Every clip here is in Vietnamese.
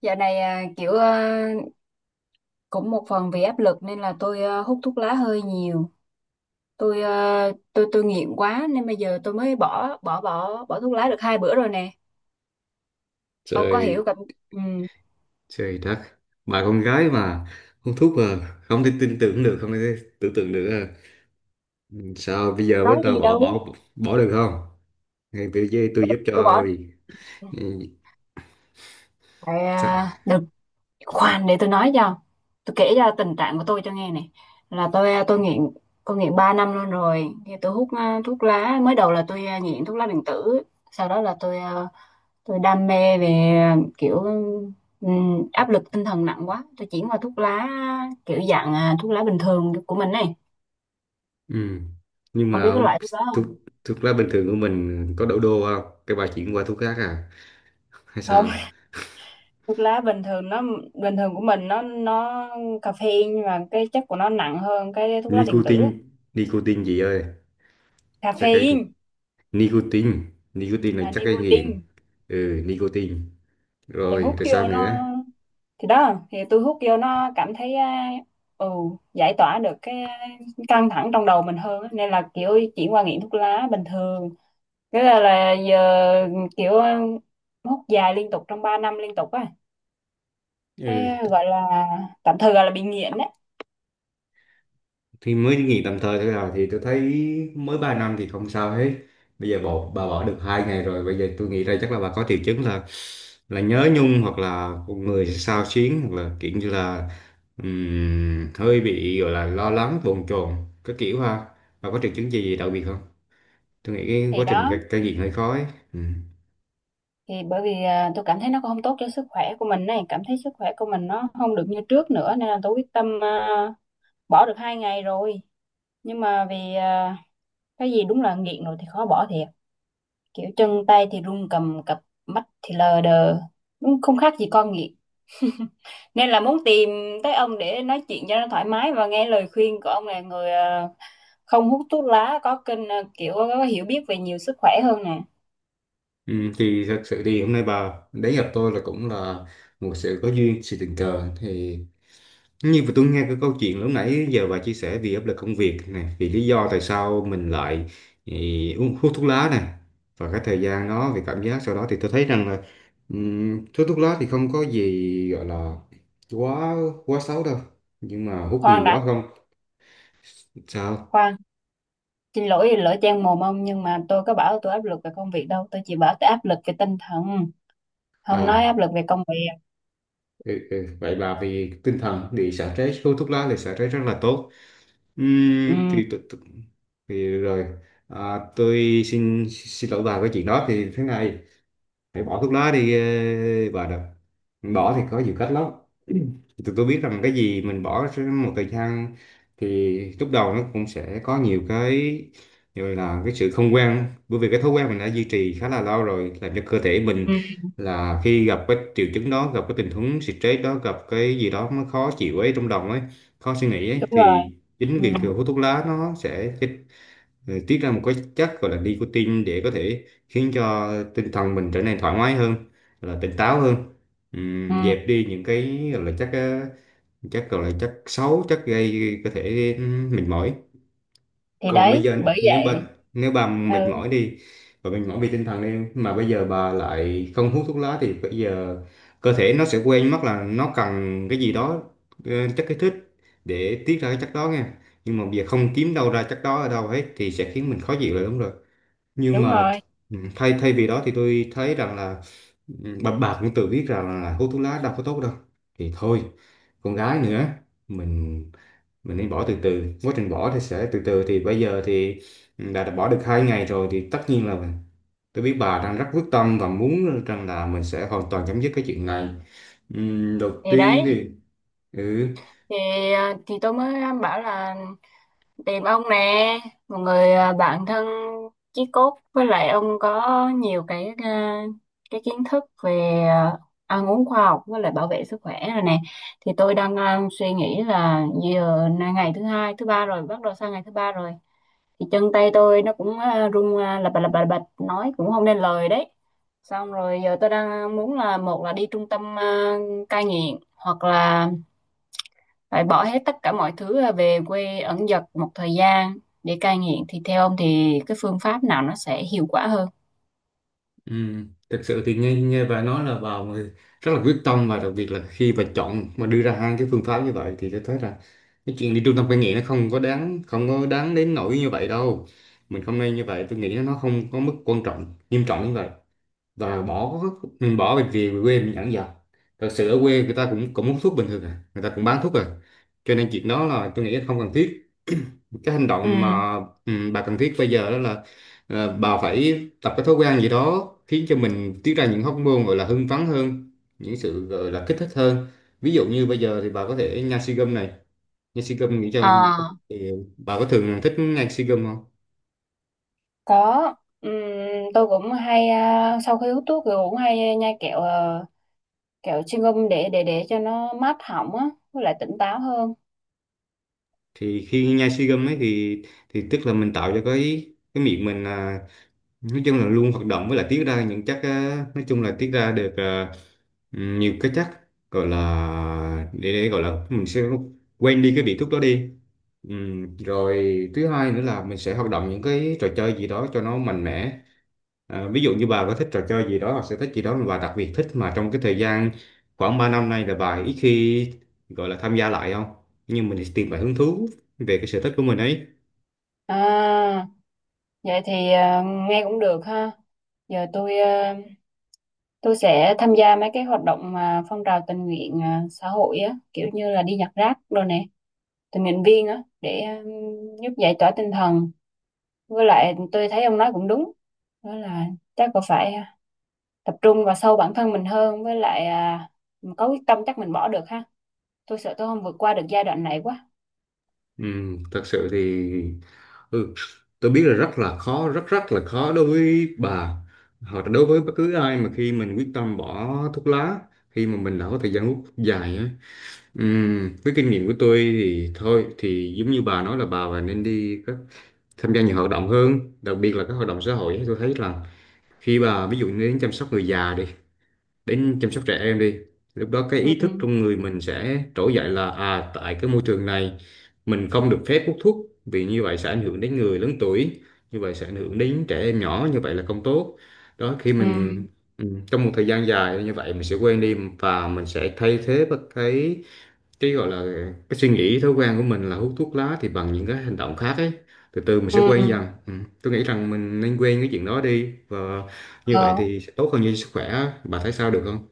Dạo này kiểu cũng một phần vì áp lực nên là tôi hút thuốc lá hơi nhiều. Tôi à, tôi tôi nghiện quá nên bây giờ tôi mới bỏ bỏ bỏ bỏ thuốc lá được hai bữa rồi nè. Ông có hiểu Trời, cảm, ừ, trời đất! Bà con gái mà hút thuốc mà không thể tin tưởng được, không thể tưởng tượng được à. Sao bây giờ bắt có đầu gì bỏ đâu. bỏ bỏ được không? Ngay tôi với tôi giúp Tôi bỏ cho. Ừ, tại sao? Được, khoan để tôi nói cho. Tôi kể ra tình trạng của tôi cho nghe này. Là tôi tôi nghiện 3 năm luôn rồi. Thì tôi hút thuốc lá, mới đầu là tôi nghiện thuốc lá điện tử. Sau đó là tôi đam mê về kiểu, áp lực tinh thần nặng quá, tôi chuyển qua thuốc lá kiểu dạng thuốc lá bình thường của mình này. Ừ. Nhưng Ông biết mà cái loại thuốc đó thuốc không? thuốc lá bình thường của mình có đổ đô không cái bà chuyển qua thuốc khác à, hay Không. sao? Thuốc lá bình thường nó, bình thường của mình nó caffeine, nhưng mà cái chất của nó nặng hơn cái thuốc lá điện tử nicotine á. nicotine gì ơi? Chắc cái Caffeine, nicotine nicotine là à, chắc cái nghiện. nicotine. Ừ, nicotine. thì Rồi, hút rồi, sao vô nó nữa? thì đó, thì tôi hút vô nó cảm thấy ừ, giải tỏa được cái căng thẳng trong đầu mình hơn á. Nên là kiểu chuyển qua nghiện thuốc lá bình thường. Thế là giờ kiểu hút dài liên tục trong 3 năm liên tục á, cái Ừ, gọi là, tạm thời gọi là bị nghiện đấy. thì mới nghỉ tạm thời thôi à, thì tôi thấy mới 3 năm thì không sao hết. Bây giờ bà bỏ được 2 ngày rồi, bây giờ tôi nghĩ ra chắc là bà có triệu chứng là nhớ nhung, hoặc là người xao xuyến, hoặc là kiểu như là hơi bị gọi là lo lắng, bồn chồn, cái kiểu ha. Bà có triệu chứng gì đặc biệt không? Tôi nghĩ cái Thì quá trình đó, cai cai nghiện hơi khó ấy. Ừ. thì bởi vì tôi cảm thấy nó cũng không tốt cho sức khỏe của mình này, cảm thấy sức khỏe của mình nó không được như trước nữa, nên là tôi quyết tâm bỏ được hai ngày rồi, nhưng mà vì cái gì đúng là nghiện rồi thì khó bỏ thiệt. Kiểu chân tay thì run cầm cập, mắt thì lờ đờ, đúng không khác gì con nghiện. Nên là muốn tìm tới ông để nói chuyện cho nó thoải mái và nghe lời khuyên của ông, là người không hút thuốc lá, có kênh kiểu có hiểu biết về nhiều sức khỏe hơn nè. Ừ, thì thật sự thì hôm nay bà đến gặp tôi là cũng là một sự có duyên, sự tình cờ. Thì nhưng mà tôi nghe cái câu chuyện lúc nãy giờ bà chia sẻ vì áp lực công việc nè, vì lý do tại sao mình lại uống, hút thuốc lá nè, và cái thời gian đó vì cảm giác sau đó, thì tôi thấy rằng là hút thuốc lá thì không có gì gọi là quá quá xấu đâu, nhưng mà hút nhiều Khoan đã, quá không. Sao khoan, xin lỗi lỡ trang mồm ông, nhưng mà tôi có bảo tôi áp lực về công việc đâu, tôi chỉ bảo tôi áp lực về tinh thần. Không nói à? áp lực về công việc. Ừ, ừ, vậy bà vì tinh thần bị xả stress, hút thuốc lá thì xả stress rất là tốt. Ừ, Thì, thì rồi à, tôi xin xin lỗi bà. Cái chuyện đó thì thế này, để bỏ thuốc lá đi. Bà được, bỏ thì có nhiều cách lắm. Tụi tôi biết rằng cái gì mình bỏ sẽ một thời gian thì lúc đầu nó cũng sẽ có nhiều cái gọi là cái sự không quen, bởi vì cái thói quen mình đã duy trì khá là lâu rồi, làm cho cơ thể mình ừ, là khi gặp cái triệu chứng đó, gặp cái tình huống stress đó, gặp cái gì đó nó khó chịu ấy trong lòng ấy, khó suy nghĩ ấy, đúng rồi. thì chính Ừ, việc thừa hút thuốc lá nó sẽ tiết ra một cái chất gọi là nicotine để có thể khiến cho tinh thần mình trở nên thoải mái hơn, là tỉnh táo hơn. Ừ. Dẹp đi những cái gọi là chất chất gọi là chất xấu, chất gây có thể mệt mỏi. Thì Còn bây đấy giờ bởi nếu bệnh, vậy. nếu bà mệt Ừ, mỏi đi, và mệt mỏi vì tinh thần đi, mà bây giờ bà lại không hút thuốc lá thì bây giờ cơ thể nó sẽ quên mất là nó cần cái gì đó, ờ, chất kích thích, để tiết ra cái chất đó nha. Nhưng mà bây giờ không kiếm đâu ra chất đó ở đâu hết thì sẽ khiến mình khó chịu là đúng rồi, nhưng đúng mà rồi. Thay thay vì đó thì tôi thấy rằng là bà cũng tự biết rằng là hút thuốc lá đâu có tốt đâu, thì thôi, con gái nữa, mình mình nên bỏ từ từ. Quá trình bỏ thì sẽ từ từ thì bây giờ thì đã bỏ được 2 ngày rồi thì tất nhiên là mình. Tôi biết bà đang rất quyết tâm và muốn rằng là mình sẽ hoàn toàn chấm dứt cái chuyện này. Đầu Thì tiên đấy, thì ừ, thì thì tôi mới bảo là tìm ông nè, một người bạn thân chí cốt, với lại ông có nhiều cái kiến thức về ăn uống khoa học với lại bảo vệ sức khỏe rồi nè. Thì tôi đang suy nghĩ là giờ là ngày thứ hai, thứ ba rồi, bắt đầu sang ngày thứ ba rồi, thì chân tay tôi nó cũng run lập bập lập bập lập bập, nói cũng không nên lời đấy. Xong rồi giờ tôi đang muốn là, một là đi trung tâm cai nghiện, hoặc là phải bỏ hết tất cả mọi thứ là về quê ẩn dật một thời gian để cai nghiện. Thì theo ông thì cái phương pháp nào nó sẽ hiệu quả hơn? Thực sự thì nghe nghe bà nói là bà mà rất là quyết tâm, và đặc biệt là khi bà chọn mà đưa ra hai cái phương pháp như vậy thì tôi thấy là cái chuyện đi trung tâm cai nghiện nó không có đáng đến nỗi như vậy đâu. Mình không nên như vậy, tôi nghĩ nó không có mức quan trọng, nghiêm trọng như vậy. Và bỏ, bỏ việc gì về quê mình dẫn dò, thật sự ở quê người ta cũng cũng hút thuốc bình thường à, người ta cũng bán thuốc à, cho nên chuyện đó là tôi nghĩ là không cần thiết. Cái hành Ừ, động mà bà cần thiết bây giờ đó là bà phải tập cái thói quen gì đó khiến cho mình tiết ra những hormone gọi là hưng phấn hơn, những sự gọi là kích thích hơn. Ví dụ như bây giờ thì bà có thể nhai si gum này, nhai si gum nghĩ cho, à, thì bà có thường thích nhai si gum không? có. Ừm, tôi cũng hay sau khi hút thuốc thì cũng hay nhai kẹo kẹo chewing gum để cho nó mát họng á với lại tỉnh táo hơn. Thì khi nhai si gum ấy thì tức là mình tạo cho cái miệng mình à, nói chung là luôn hoạt động, với lại tiết ra những chất á, nói chung là tiết ra được nhiều cái chất gọi là để gọi là mình sẽ quên đi cái vị thuốc đó đi. Rồi thứ hai nữa là mình sẽ hoạt động những cái trò chơi gì đó cho nó mạnh mẽ. À, ví dụ như bà có thích trò chơi gì đó hoặc sở thích gì đó mà bà đặc biệt thích, mà trong cái thời gian khoảng 3 năm nay là bà ít khi gọi là tham gia lại không? Nhưng mình thì tìm lại hứng thú về cái sở thích của mình ấy. À, vậy thì nghe cũng được ha. Giờ tôi sẽ tham gia mấy cái hoạt động mà phong trào tình nguyện xã hội á, kiểu như là đi nhặt rác đồ nè, tình nguyện viên á, để giúp giải tỏa tinh thần. Với lại tôi thấy ông nói cũng đúng, đó là chắc là phải tập trung vào sâu bản thân mình hơn, với lại có quyết tâm chắc mình bỏ được ha. Tôi sợ tôi không vượt qua được giai đoạn này quá. Ừ, thật sự thì ừ, tôi biết là rất là khó, rất rất là khó đối với bà, hoặc là đối với bất cứ ai mà khi mình quyết tâm bỏ thuốc lá, khi mà mình đã có thời gian hút dài á. Với kinh nghiệm của tôi thì thôi thì giống như bà nói là bà và nên đi các, tham gia nhiều hoạt động hơn, đặc biệt là các hoạt động xã hội. Tôi thấy là khi bà ví dụ như đến chăm sóc người già đi, đến chăm sóc trẻ em đi, lúc đó cái ý thức Ừ, trong người mình sẽ trỗi dậy là, à, tại cái môi trường này mình không được phép hút thuốc vì như vậy sẽ ảnh hưởng đến người lớn tuổi, như vậy sẽ ảnh hưởng đến trẻ em nhỏ, như vậy là không tốt. Đó, khi ừ, mình ừ, trong một thời gian dài như vậy mình sẽ quen đi, và mình sẽ thay thế bất cái gọi là cái suy nghĩ, thói quen của mình là hút thuốc lá thì bằng những cái hành động khác ấy. Từ từ mình sẽ quen ừ, dần. Ừ. Tôi nghĩ rằng mình nên quen cái chuyện đó đi, và như vậy ờ. thì sẽ tốt hơn cho sức khỏe. Bà thấy sao, được không?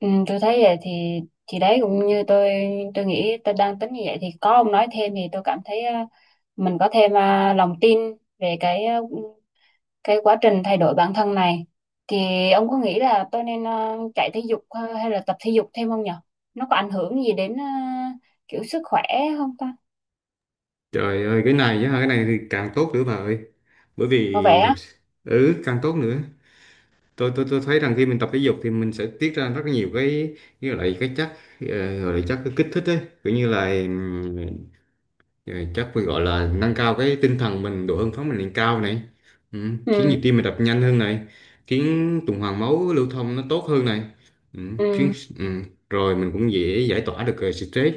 Ừ, tôi thấy vậy thì đấy cũng như tôi. Tôi nghĩ tôi đang tính như vậy, thì có ông nói thêm thì tôi cảm thấy mình có thêm lòng tin về cái quá trình thay đổi bản thân này. Thì ông có nghĩ là tôi nên chạy thể dục hay là tập thể dục thêm không nhở? Nó có ảnh hưởng gì đến kiểu sức khỏe không ta? Trời ơi, cái này á, cái này thì càng tốt nữa bà ơi. Bởi Có vẻ vì thật á. sự ừ, càng tốt nữa. Tôi thấy rằng khi mình tập thể dục thì mình sẽ tiết ra rất nhiều cái, như là cái chất gọi là chất kích thích ấy, kiểu như là rồi chắc phải gọi là nâng cao cái tinh thần mình, độ hưng phấn mình lên cao này. Ừ. Khiến Ừ, nhịp tim mình đập nhanh hơn này, khiến tuần hoàn máu lưu thông nó tốt hơn này. Ừ. Khiến ừ, ừ, rồi mình cũng dễ giải tỏa được stress.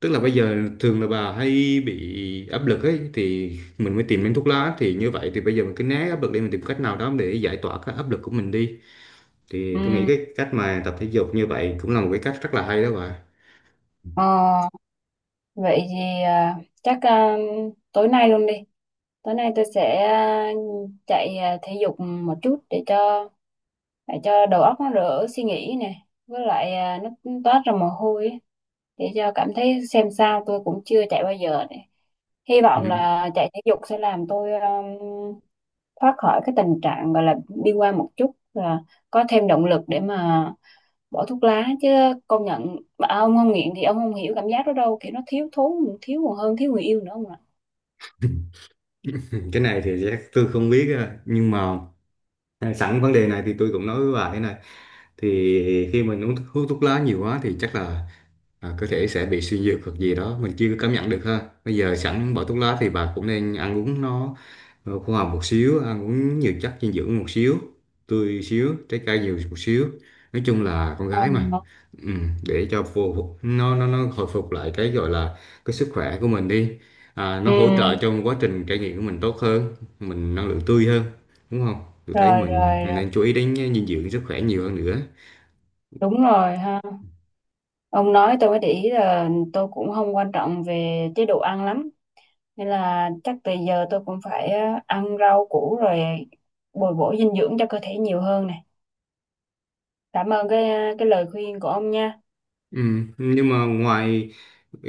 Tức là bây giờ thường là bà hay bị áp lực ấy thì mình mới tìm đến thuốc lá, thì như vậy thì bây giờ mình cứ né áp lực đi, mình tìm cách nào đó để giải tỏa cái áp lực của mình đi, thì ừ. tôi nghĩ cái cách mà tập thể dục như vậy cũng là một cái cách rất là hay đó bà. ờ, Vậy thì chắc tối nay luôn đi. Tối nay tôi sẽ chạy thể dục một chút, để cho đầu óc nó đỡ suy nghĩ nè, với lại nó toát ra mồ hôi ấy. Để cho cảm thấy xem sao, tôi cũng chưa chạy bao giờ này. Hy vọng Ừ. là chạy thể dục sẽ làm tôi thoát khỏi cái tình trạng gọi là bi quan một chút và có thêm động lực để mà bỏ thuốc lá chứ. Công nhận, mà ông không nghiện thì ông không hiểu cảm giác đó đâu, kiểu nó thiếu thốn, thiếu còn hơn thiếu người yêu nữa ông ạ. cái này thì chắc tôi không biết nhưng mà à, sẵn vấn đề này thì tôi cũng nói với bà thế này. Thì khi mình uống thuốc, hút thuốc lá nhiều quá thì chắc là à, có thể sẽ bị suy nhược hoặc gì đó mình chưa cảm nhận được ha. Bây giờ sẵn bỏ thuốc lá thì bà cũng nên ăn uống nó khoa học một xíu, ăn uống nhiều chất dinh dưỡng một xíu, tươi xíu, trái cây nhiều một xíu, nói chung là con Ờ. gái mà. ừ, để cho phù nó hồi phục lại cái gọi là cái sức khỏe của mình đi. À, nó Ừ. hỗ trợ trong quá trình trải nghiệm của mình tốt hơn, mình năng lượng tươi hơn, đúng không? Tôi thấy Rồi, mình rồi, rồi, nên chú ý đến dinh dưỡng, sức khỏe nhiều hơn nữa. đúng rồi ha. Ông nói tôi mới để ý là tôi cũng không quan trọng về chế độ ăn lắm. Nên là chắc từ giờ tôi cũng phải ăn rau củ, rồi bồi bổ dinh dưỡng cho cơ thể nhiều hơn này. Cảm ơn cái lời khuyên của ông nha. Ừ, nhưng mà ngoài,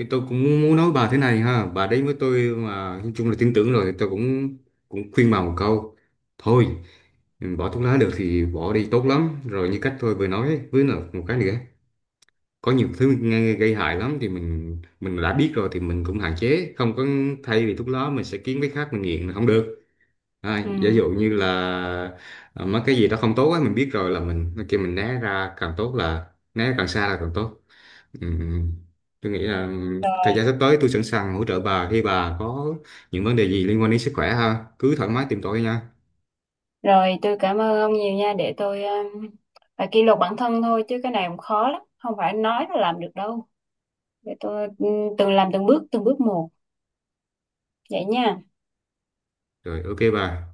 tôi cũng muốn nói bà thế này ha, bà đấy với tôi mà nói chung là tin tưởng rồi, tôi cũng, cũng khuyên bà một câu. Thôi, bỏ thuốc lá được thì bỏ đi, tốt lắm rồi, như cách tôi vừa nói ấy. Với là một cái nữa, có nhiều thứ nghe gây hại lắm thì mình đã biết rồi thì mình cũng hạn chế, không có thay vì thuốc lá mình sẽ kiếm cái khác mình nghiện là không được. À, giả Ừ. dụ như là à, mấy cái gì đó không tốt ấy, mình biết rồi là mình kia, mình né ra càng tốt, là né càng xa là càng tốt. Ừ. Tôi nghĩ là thời Rồi, gian sắp tới tôi sẵn sàng hỗ trợ bà khi bà có những vấn đề gì liên quan đến sức khỏe ha. Cứ thoải mái tìm tôi nha. rồi tôi cảm ơn ông nhiều nha, để tôi phải kỷ luật bản thân thôi chứ cái này cũng khó lắm, không phải nói là làm được đâu. Để tôi, ừ, từng làm từng bước, từng bước một vậy nha. Rồi, ok bà.